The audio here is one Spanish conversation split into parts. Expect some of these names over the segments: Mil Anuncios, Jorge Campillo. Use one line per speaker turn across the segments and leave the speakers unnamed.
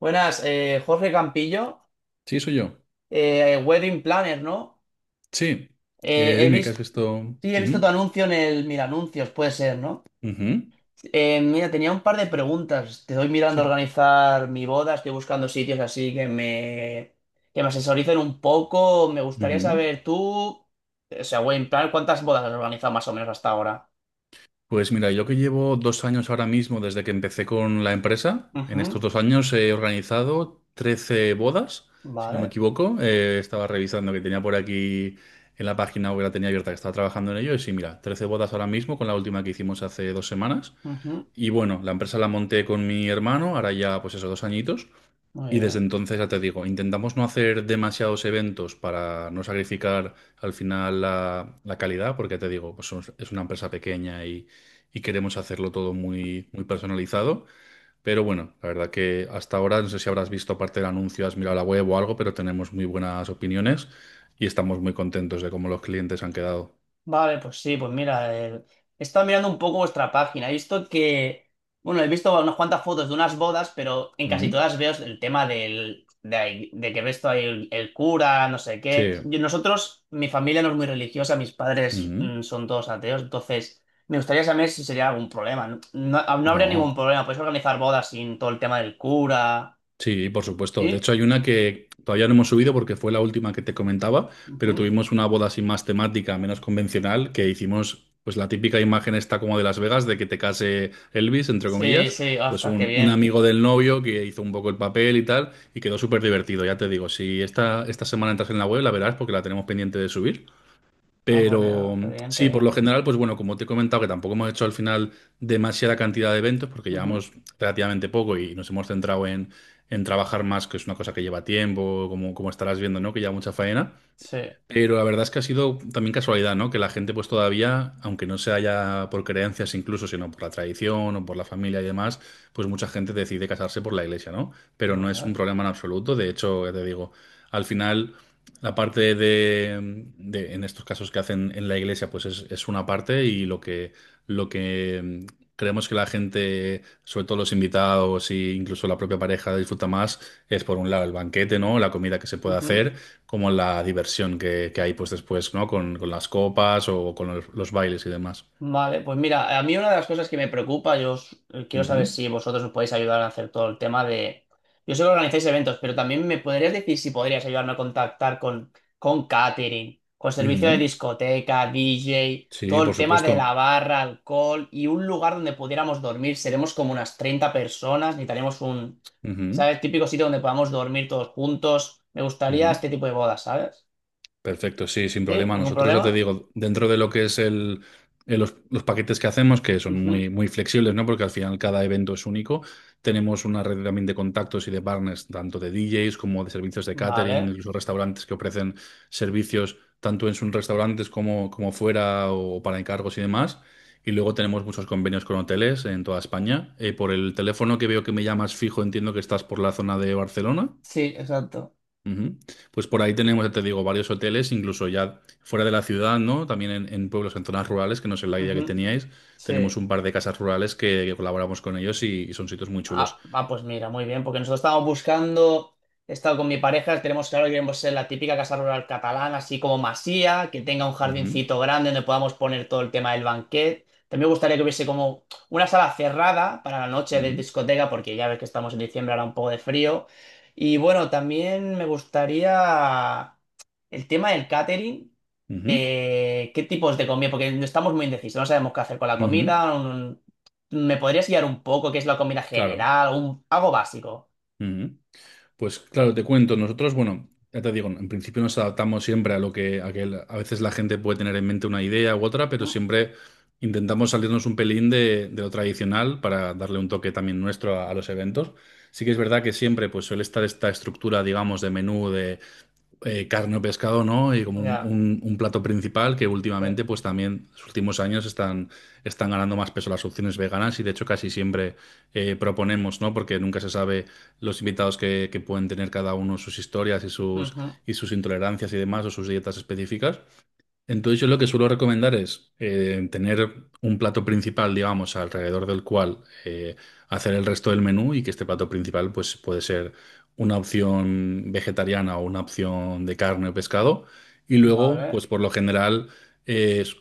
Buenas, Jorge Campillo,
Sí, soy yo.
Wedding Planner, ¿no?
Sí.
He
Dime, ¿qué has
visto,
visto?
sí, he visto tu
Ujú,
anuncio en el Mil Anuncios, puede ser, ¿no?
ujú.
Mira, tenía un par de preguntas. Te doy mirando a
Sí.
organizar mi boda, estoy buscando sitios así que me asesoricen un poco. Me gustaría
Ujú.
saber tú, o sea, Wedding Planner, ¿cuántas bodas has organizado más o menos hasta ahora?
Pues mira, yo que llevo 2 años ahora mismo desde que empecé con la empresa, en
Ujú,
estos 2 años he organizado 13 bodas, si no me
vale,
equivoco. Estaba revisando que tenía por aquí en la página web, la tenía abierta, que estaba trabajando en ello. Y sí, mira, 13 bodas ahora mismo con la última que hicimos hace 2 semanas.
ujú,
Y bueno, la empresa la monté con mi hermano, ahora ya pues esos 2 añitos.
muy
Y desde
bien.
entonces, ya te digo, intentamos no hacer demasiados eventos para no sacrificar al final la calidad, porque ya te digo, pues somos- es una empresa pequeña y queremos hacerlo todo muy, muy personalizado. Pero bueno, la verdad que hasta ahora, no sé si habrás visto aparte del anuncio, has mirado la web o algo, pero tenemos muy buenas opiniones y estamos muy contentos de cómo los clientes han quedado.
Vale, pues sí, pues mira, he estado mirando un poco vuestra página. He visto que, bueno, he visto unas cuantas fotos de unas bodas, pero en casi
Ujú.
todas veo el tema de que ves todo ahí el cura, no sé qué.
Sí.
Nosotros, mi familia no es muy religiosa, mis padres
Ujú.
son todos ateos, entonces me gustaría saber si sería algún problema. No, no, ah, no habría ningún
No.
problema, podéis organizar bodas sin todo el tema del cura.
Sí, por supuesto. De
¿Sí?
hecho, hay una que todavía no hemos subido porque fue la última que te comentaba, pero
Ujú.
tuvimos una boda así más temática, menos convencional, que hicimos pues la típica imagen esta como de Las Vegas, de que te case Elvis, entre
Sí,
comillas,
sí,
pues
ostras, qué
un
bien.
amigo del novio que hizo un poco el papel y tal, y quedó súper divertido, ya te digo, si esta semana entras en la web, la verás porque la tenemos pendiente de subir.
Ah, pues,
Pero
qué bien, qué
sí, por lo
bien.
general, pues bueno, como te he comentado, que tampoco hemos hecho al final demasiada cantidad de eventos, porque
Ujú.
llevamos relativamente poco y nos hemos centrado en trabajar más, que es una cosa que lleva tiempo, como, como estarás viendo, ¿no? Que lleva mucha faena.
Sí.
Pero la verdad es que ha sido también casualidad, ¿no? Que la gente pues todavía, aunque no sea ya por creencias incluso, sino por la tradición o por la familia y demás, pues mucha gente decide casarse por la iglesia, ¿no? Pero no es un
Vale.
problema en absoluto. De hecho, ya te digo, al final la parte de- en estos casos que hacen en la iglesia, pues es una parte y lo que, lo que creemos que la gente, sobre todo los invitados e incluso la propia pareja disfruta más, es por un lado el banquete, ¿no? La comida que se puede
Ujú.
hacer como la diversión que hay pues después, ¿no? Con las copas o con los bailes y demás.
Vale, pues mira, a mí una de las cosas que me preocupa, quiero saber
Ujú,
si vosotros me podéis ayudar a hacer todo el tema de... Yo sé que organizáis eventos, pero también me podrías decir si podrías ayudarme a contactar con catering, con servicio de
ujú.
discoteca, DJ, todo
Sí, por
el tema de la
supuesto.
barra, alcohol y un lugar donde pudiéramos dormir. Seremos como unas 30 personas,
Ujú,
¿sabes? Típico sitio donde podamos dormir todos juntos. Me gustaría
ujú.
este tipo de bodas, ¿sabes?
Perfecto, sí, sin
Sí,
problema.
ningún
Nosotros ya te
problema.
digo, dentro de lo que es el- los paquetes que hacemos, que son
Ujú.
muy, muy flexibles, ¿no? Porque al final cada evento es único, tenemos una red también de contactos y de partners, tanto de DJs como de servicios de catering,
Vale.
incluso restaurantes que ofrecen servicios tanto en sus restaurantes como, como fuera o para encargos y demás. Y luego tenemos muchos convenios con hoteles en toda España. Por el teléfono que veo que me llamas fijo, entiendo que estás por la zona de Barcelona.
Sí, exacto.
Ujú. Pues por ahí tenemos, ya te digo, varios hoteles, incluso ya fuera de la ciudad, ¿no? También en pueblos, en zonas rurales, que no sé la idea que
Ujú.
teníais. Tenemos
Sí.
un par de casas rurales que colaboramos con ellos y son sitios muy chulos.
Ah, ah, pues mira, muy bien, porque nosotros estábamos buscando, he estado con mi pareja, tenemos claro que queremos ser la típica casa rural catalana, así como masía, que tenga un
Ujú,
jardincito grande donde podamos poner todo el tema del banquet. También me gustaría que hubiese como una sala cerrada para la noche de
ujú,
discoteca, porque ya ves que estamos en diciembre, hará un poco de frío. Y bueno, también me gustaría... El tema del catering,
ujú,
¿qué tipos de comida? Porque no estamos muy indecisos, no sabemos qué hacer con la
ujú.
comida. ¿Me podrías guiar un poco qué es la comida
Claro.
general? Un, algo básico.
Ujú. Pues claro, te cuento, nosotros, bueno, ya te digo, en principio nos adaptamos siempre a lo que, a que el- a veces la gente puede tener en mente una idea u otra, pero siempre intentamos salirnos un pelín de lo tradicional para darle un toque también nuestro a los eventos. Sí que es verdad que siempre pues suele estar esta estructura, digamos, de menú carne o pescado, ¿no? Y como
Ujú. Ya.
un plato principal que
eh,
últimamente, pues también, los últimos años están, están ganando más peso las opciones veganas y de hecho casi siempre proponemos, ¿no? Porque nunca se sabe los invitados que pueden tener cada uno sus historias
ujú,
y sus intolerancias y demás o sus dietas específicas. Entonces yo lo que suelo recomendar es tener un plato principal, digamos, alrededor del cual eh, hacer el resto del menú y que este plato principal pues puede ser una opción vegetariana o una opción de carne o pescado. Y luego,
Vale.
pues por lo general eh, s-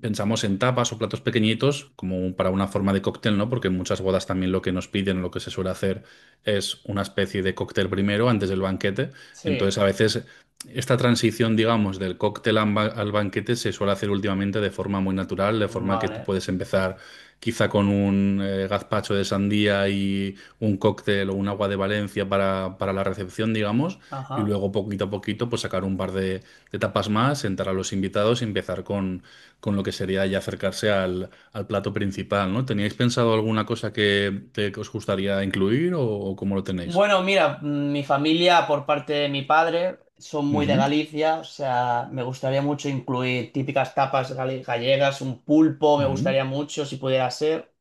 pensamos en tapas o platos pequeñitos como para una forma de cóctel, ¿no? Porque en muchas bodas también lo que nos piden, lo que se suele hacer es una especie de cóctel primero antes del banquete.
Sí.
Entonces a veces esta transición, digamos, del cóctel al banquete se suele hacer últimamente de forma muy natural, de forma que tú
Vale.
puedes empezar quizá con un gazpacho de sandía y un cóctel o un agua de Valencia para la recepción, digamos, y
Ajá.
luego poquito a poquito pues sacar un par de tapas más, sentar a los invitados y empezar con lo que sería ya acercarse al, al plato principal, ¿no? ¿Teníais pensado alguna cosa que os gustaría incluir o cómo lo tenéis?
Bueno, mira, mi familia por parte de mi padre son muy de
Ujú,
Galicia, o sea, me gustaría mucho incluir típicas gallegas, un pulpo, me gustaría
ujú,
mucho si pudiera ser.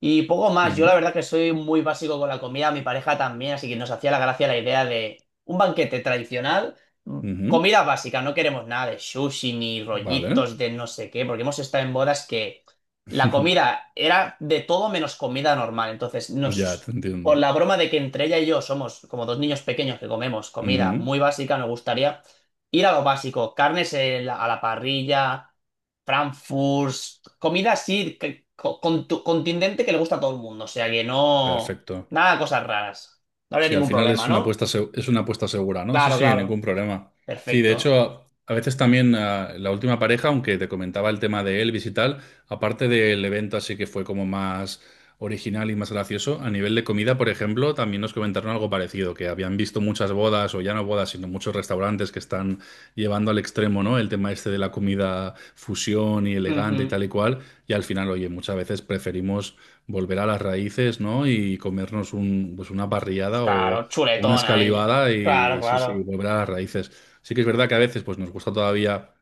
Y poco más, yo la
ujú,
verdad que soy muy básico con la comida, mi pareja también, así que nos hacía la gracia la idea de un banquete tradicional, mm,
ujú.
comida básica, no queremos nada de sushi ni
Vale.
rollitos de no sé qué, porque hemos estado en bodas que la comida era de todo menos comida normal,
Ya te
por
entiendo.
la broma de que entre ella y yo somos como dos niños pequeños que comemos comida
Ujú.
muy básica, nos gustaría ir a lo básico, a la parrilla, Frankfurt, comida así, contundente que le gusta a todo el mundo. O sea que no.
Perfecto.
Nada de cosas raras. No habría
Sí, al
ningún
final
problema,
es una
¿no?
apuesta, es una apuesta segura, ¿no? Sí,
Claro,
sí,
claro.
ningún problema. Sí, de
Perfecto.
hecho, a veces también la última pareja, aunque te comentaba el tema de Elvis y tal, aparte del evento así que fue como más original y más gracioso, a nivel de comida, por ejemplo, también nos comentaron algo parecido, que habían visto muchas bodas, o ya no bodas, sino muchos restaurantes que están llevando al extremo, ¿no? El tema este de la comida fusión y elegante y
Ujú.
tal y cual, y al final, oye, muchas veces preferimos volver a las raíces, ¿no? Y comernos un, pues una parrillada o
Claro,
una
chuletón ahí.
escalivada
Claro,
y sí, sí,
claro.
volver a las raíces. Sí que es verdad que a veces pues nos gusta todavía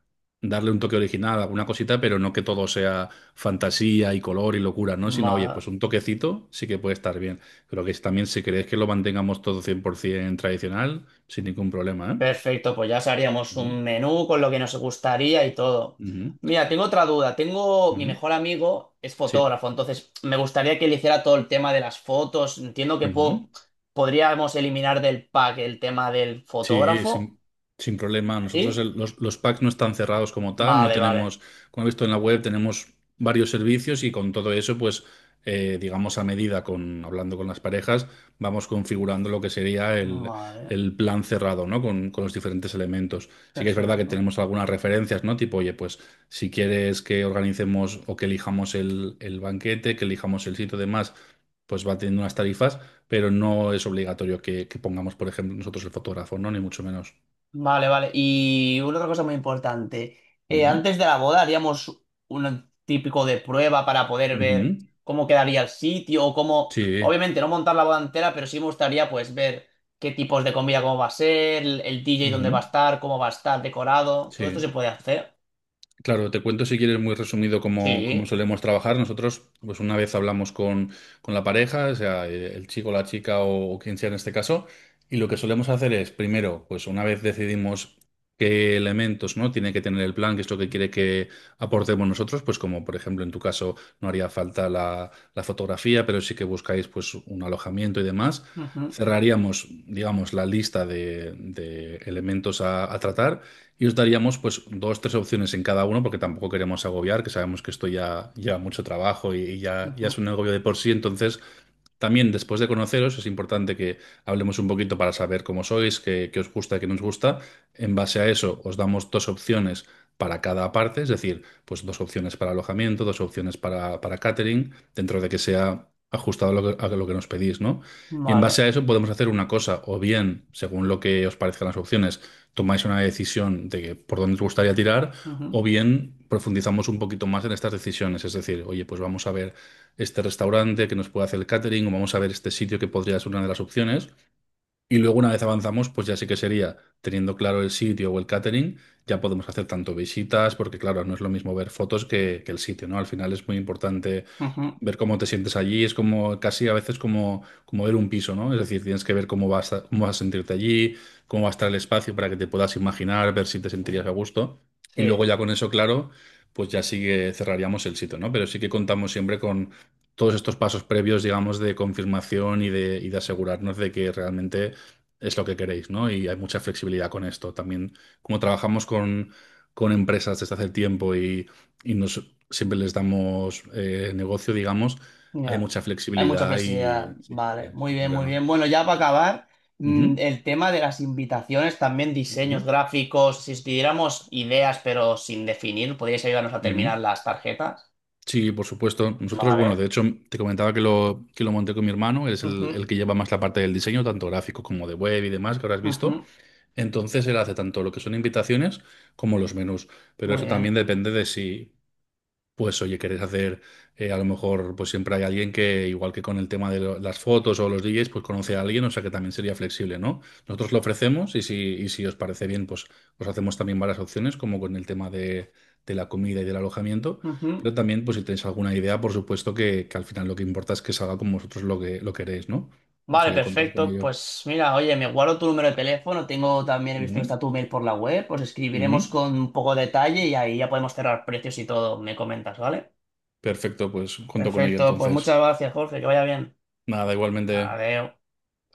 darle un toque original a alguna cosita, pero no que todo sea fantasía y color y locura, ¿no? Sino, oye, pues
Ma-
un toquecito sí que puede estar bien. Pero que también si queréis que lo mantengamos todo 100% tradicional, sin ningún problema, ¿eh?
Perfecto, pues ya haríamos
Ujú,
un menú con lo que nos gustaría y todo.
ujú,
Mira, tengo otra duda. Tengo, mi
ujú.
mejor amigo es
Sí.
fotógrafo, entonces me gustaría que le hiciera todo el tema de las fotos.
Ujú.
Podríamos eliminar del pack el tema del
Sí,
fotógrafo.
sin problema. Nosotros
¿Sí?
el- los packs no están cerrados como tal, no
Vale, vale.
tenemos, como he visto en la web, tenemos varios servicios y con todo eso, pues, digamos a medida, con, hablando con las parejas, vamos configurando lo que sería
Vale,
el plan cerrado, ¿no? Con los diferentes elementos. Sí que es verdad que
perfecto.
tenemos algunas referencias, ¿no? Tipo, oye, pues si quieres que organicemos o que elijamos el banquete, que elijamos el sitio y demás, pues va teniendo unas tarifas pero no es obligatorio que pongamos, por ejemplo, nosotros el fotógrafo, ¿no? Ni mucho menos.
Vale, vale. Y una otra cosa muy importante.
Ujú,
Antes de la boda haríamos un típico de prueba para poder
ujú.
ver cómo quedaría el sitio o cómo...
Sí,
Obviamente no montar la boda entera, pero sí me gustaría pues ver qué tipos de comida, cómo va a ser, el DJ dónde va a
ujú,
estar, cómo va a estar decorado. Todo esto
sí.
se puede hacer.
Claro, te cuento si quieres muy resumido cómo, cómo
Sí.
solemos trabajar. Nosotros, pues una vez hablamos con la pareja, o sea, el chico, la chica o quien sea en este caso, y lo que solemos hacer es, primero, pues una vez decidimos qué elementos, ¿no? Tiene que tener el plan, qué es lo que quiere que aportemos nosotros, pues como por ejemplo en tu caso no haría falta la fotografía, pero sí que buscáis pues un alojamiento y demás.
Ujú,
Cerraríamos, digamos, la lista de elementos a tratar. Y os daríamos pues 2, 3 opciones en cada uno, porque tampoco queremos agobiar, que sabemos que esto ya lleva mucho trabajo y, y ya es
ujú.
un agobio de por sí. Entonces, también después de conoceros, es importante que hablemos un poquito para saber cómo sois, qué, qué os gusta, qué no os gusta. En base a eso, os damos 2 opciones para cada parte, es decir, pues dos opciones para alojamiento, 2 opciones para catering, dentro de que sea ajustado a lo que nos pedís, ¿no? Y en base a
Vale.
eso podemos hacer una cosa, o bien, según lo que os parezcan las opciones, tomáis una decisión de por dónde os gustaría tirar,
Ujú,
o bien profundizamos un poquito más en estas decisiones. Es decir, oye, pues vamos a ver este restaurante que nos puede hacer el catering, o vamos a ver este sitio que podría ser una de las opciones, y luego una vez avanzamos, pues ya sí que sería, teniendo claro el sitio o el catering, ya podemos hacer tanto visitas, porque claro, no es lo mismo ver fotos que el sitio, ¿no? Al final es muy importante
ujú.
ver cómo te sientes allí, es como casi a veces como, como ver un piso, ¿no? Es decir, tienes que ver cómo vas a sentirte allí, cómo va a estar el espacio para que te puedas imaginar, ver si te sentirías a gusto. Y
Sí.
luego ya con eso, claro, pues ya sí que cerraríamos el sitio, ¿no? Pero sí que contamos siempre con todos estos pasos previos, digamos, de confirmación y de asegurarnos de que realmente es lo que queréis, ¿no? Y hay mucha flexibilidad con esto. También, como trabajamos con empresas desde hace tiempo y nos, siempre les damos negocio, digamos, hay
Ya.
mucha
Hay mucha
flexibilidad
flexibilidad.
y sí, sí, sí,
Vale, muy
sin
bien, muy
problema.
bien. Bueno, ya para acabar,
Ujú,
el tema de las invitaciones, también diseños
ujú,
gráficos, si os pidiéramos ideas pero sin definir, ¿podríais ayudarnos a terminar
ujú.
las tarjetas?
Sí, por supuesto. Nosotros, bueno, de
Vale.
hecho, te comentaba que lo monté con mi hermano, él es
Ujú,
el que lleva más la parte del diseño, tanto gráfico como de web y demás, que ahora has visto.
ujú.
Entonces, él hace tanto lo que son invitaciones como los menús. Pero
Muy
eso
bien.
también depende de si pues oye, querés hacer, a lo mejor, pues siempre hay alguien que, igual que con el tema de lo- las fotos o los DJs, pues conoce a alguien, o sea que también sería flexible, ¿no? Nosotros lo ofrecemos y si os parece bien, pues os hacemos también varias opciones, como con el tema de la comida y del alojamiento,
Ujú.
pero también, pues si tenéis alguna idea, por supuesto que al final lo que importa es que salga como vosotros lo que lo queréis, ¿no? O
Vale,
sea que contad con
perfecto.
ello.
Pues mira, oye, me guardo tu número de teléfono, tengo también, he visto que está
Ujú,
tu mail por la web, os escribiremos
ujú.
con un poco de detalle y ahí ya podemos cerrar precios y todo, me comentas, ¿vale?
Perfecto, pues cuento con ello
Perfecto, pues
entonces.
muchas gracias, Jorge, que vaya bien.
Nada, igualmente.
Adiós.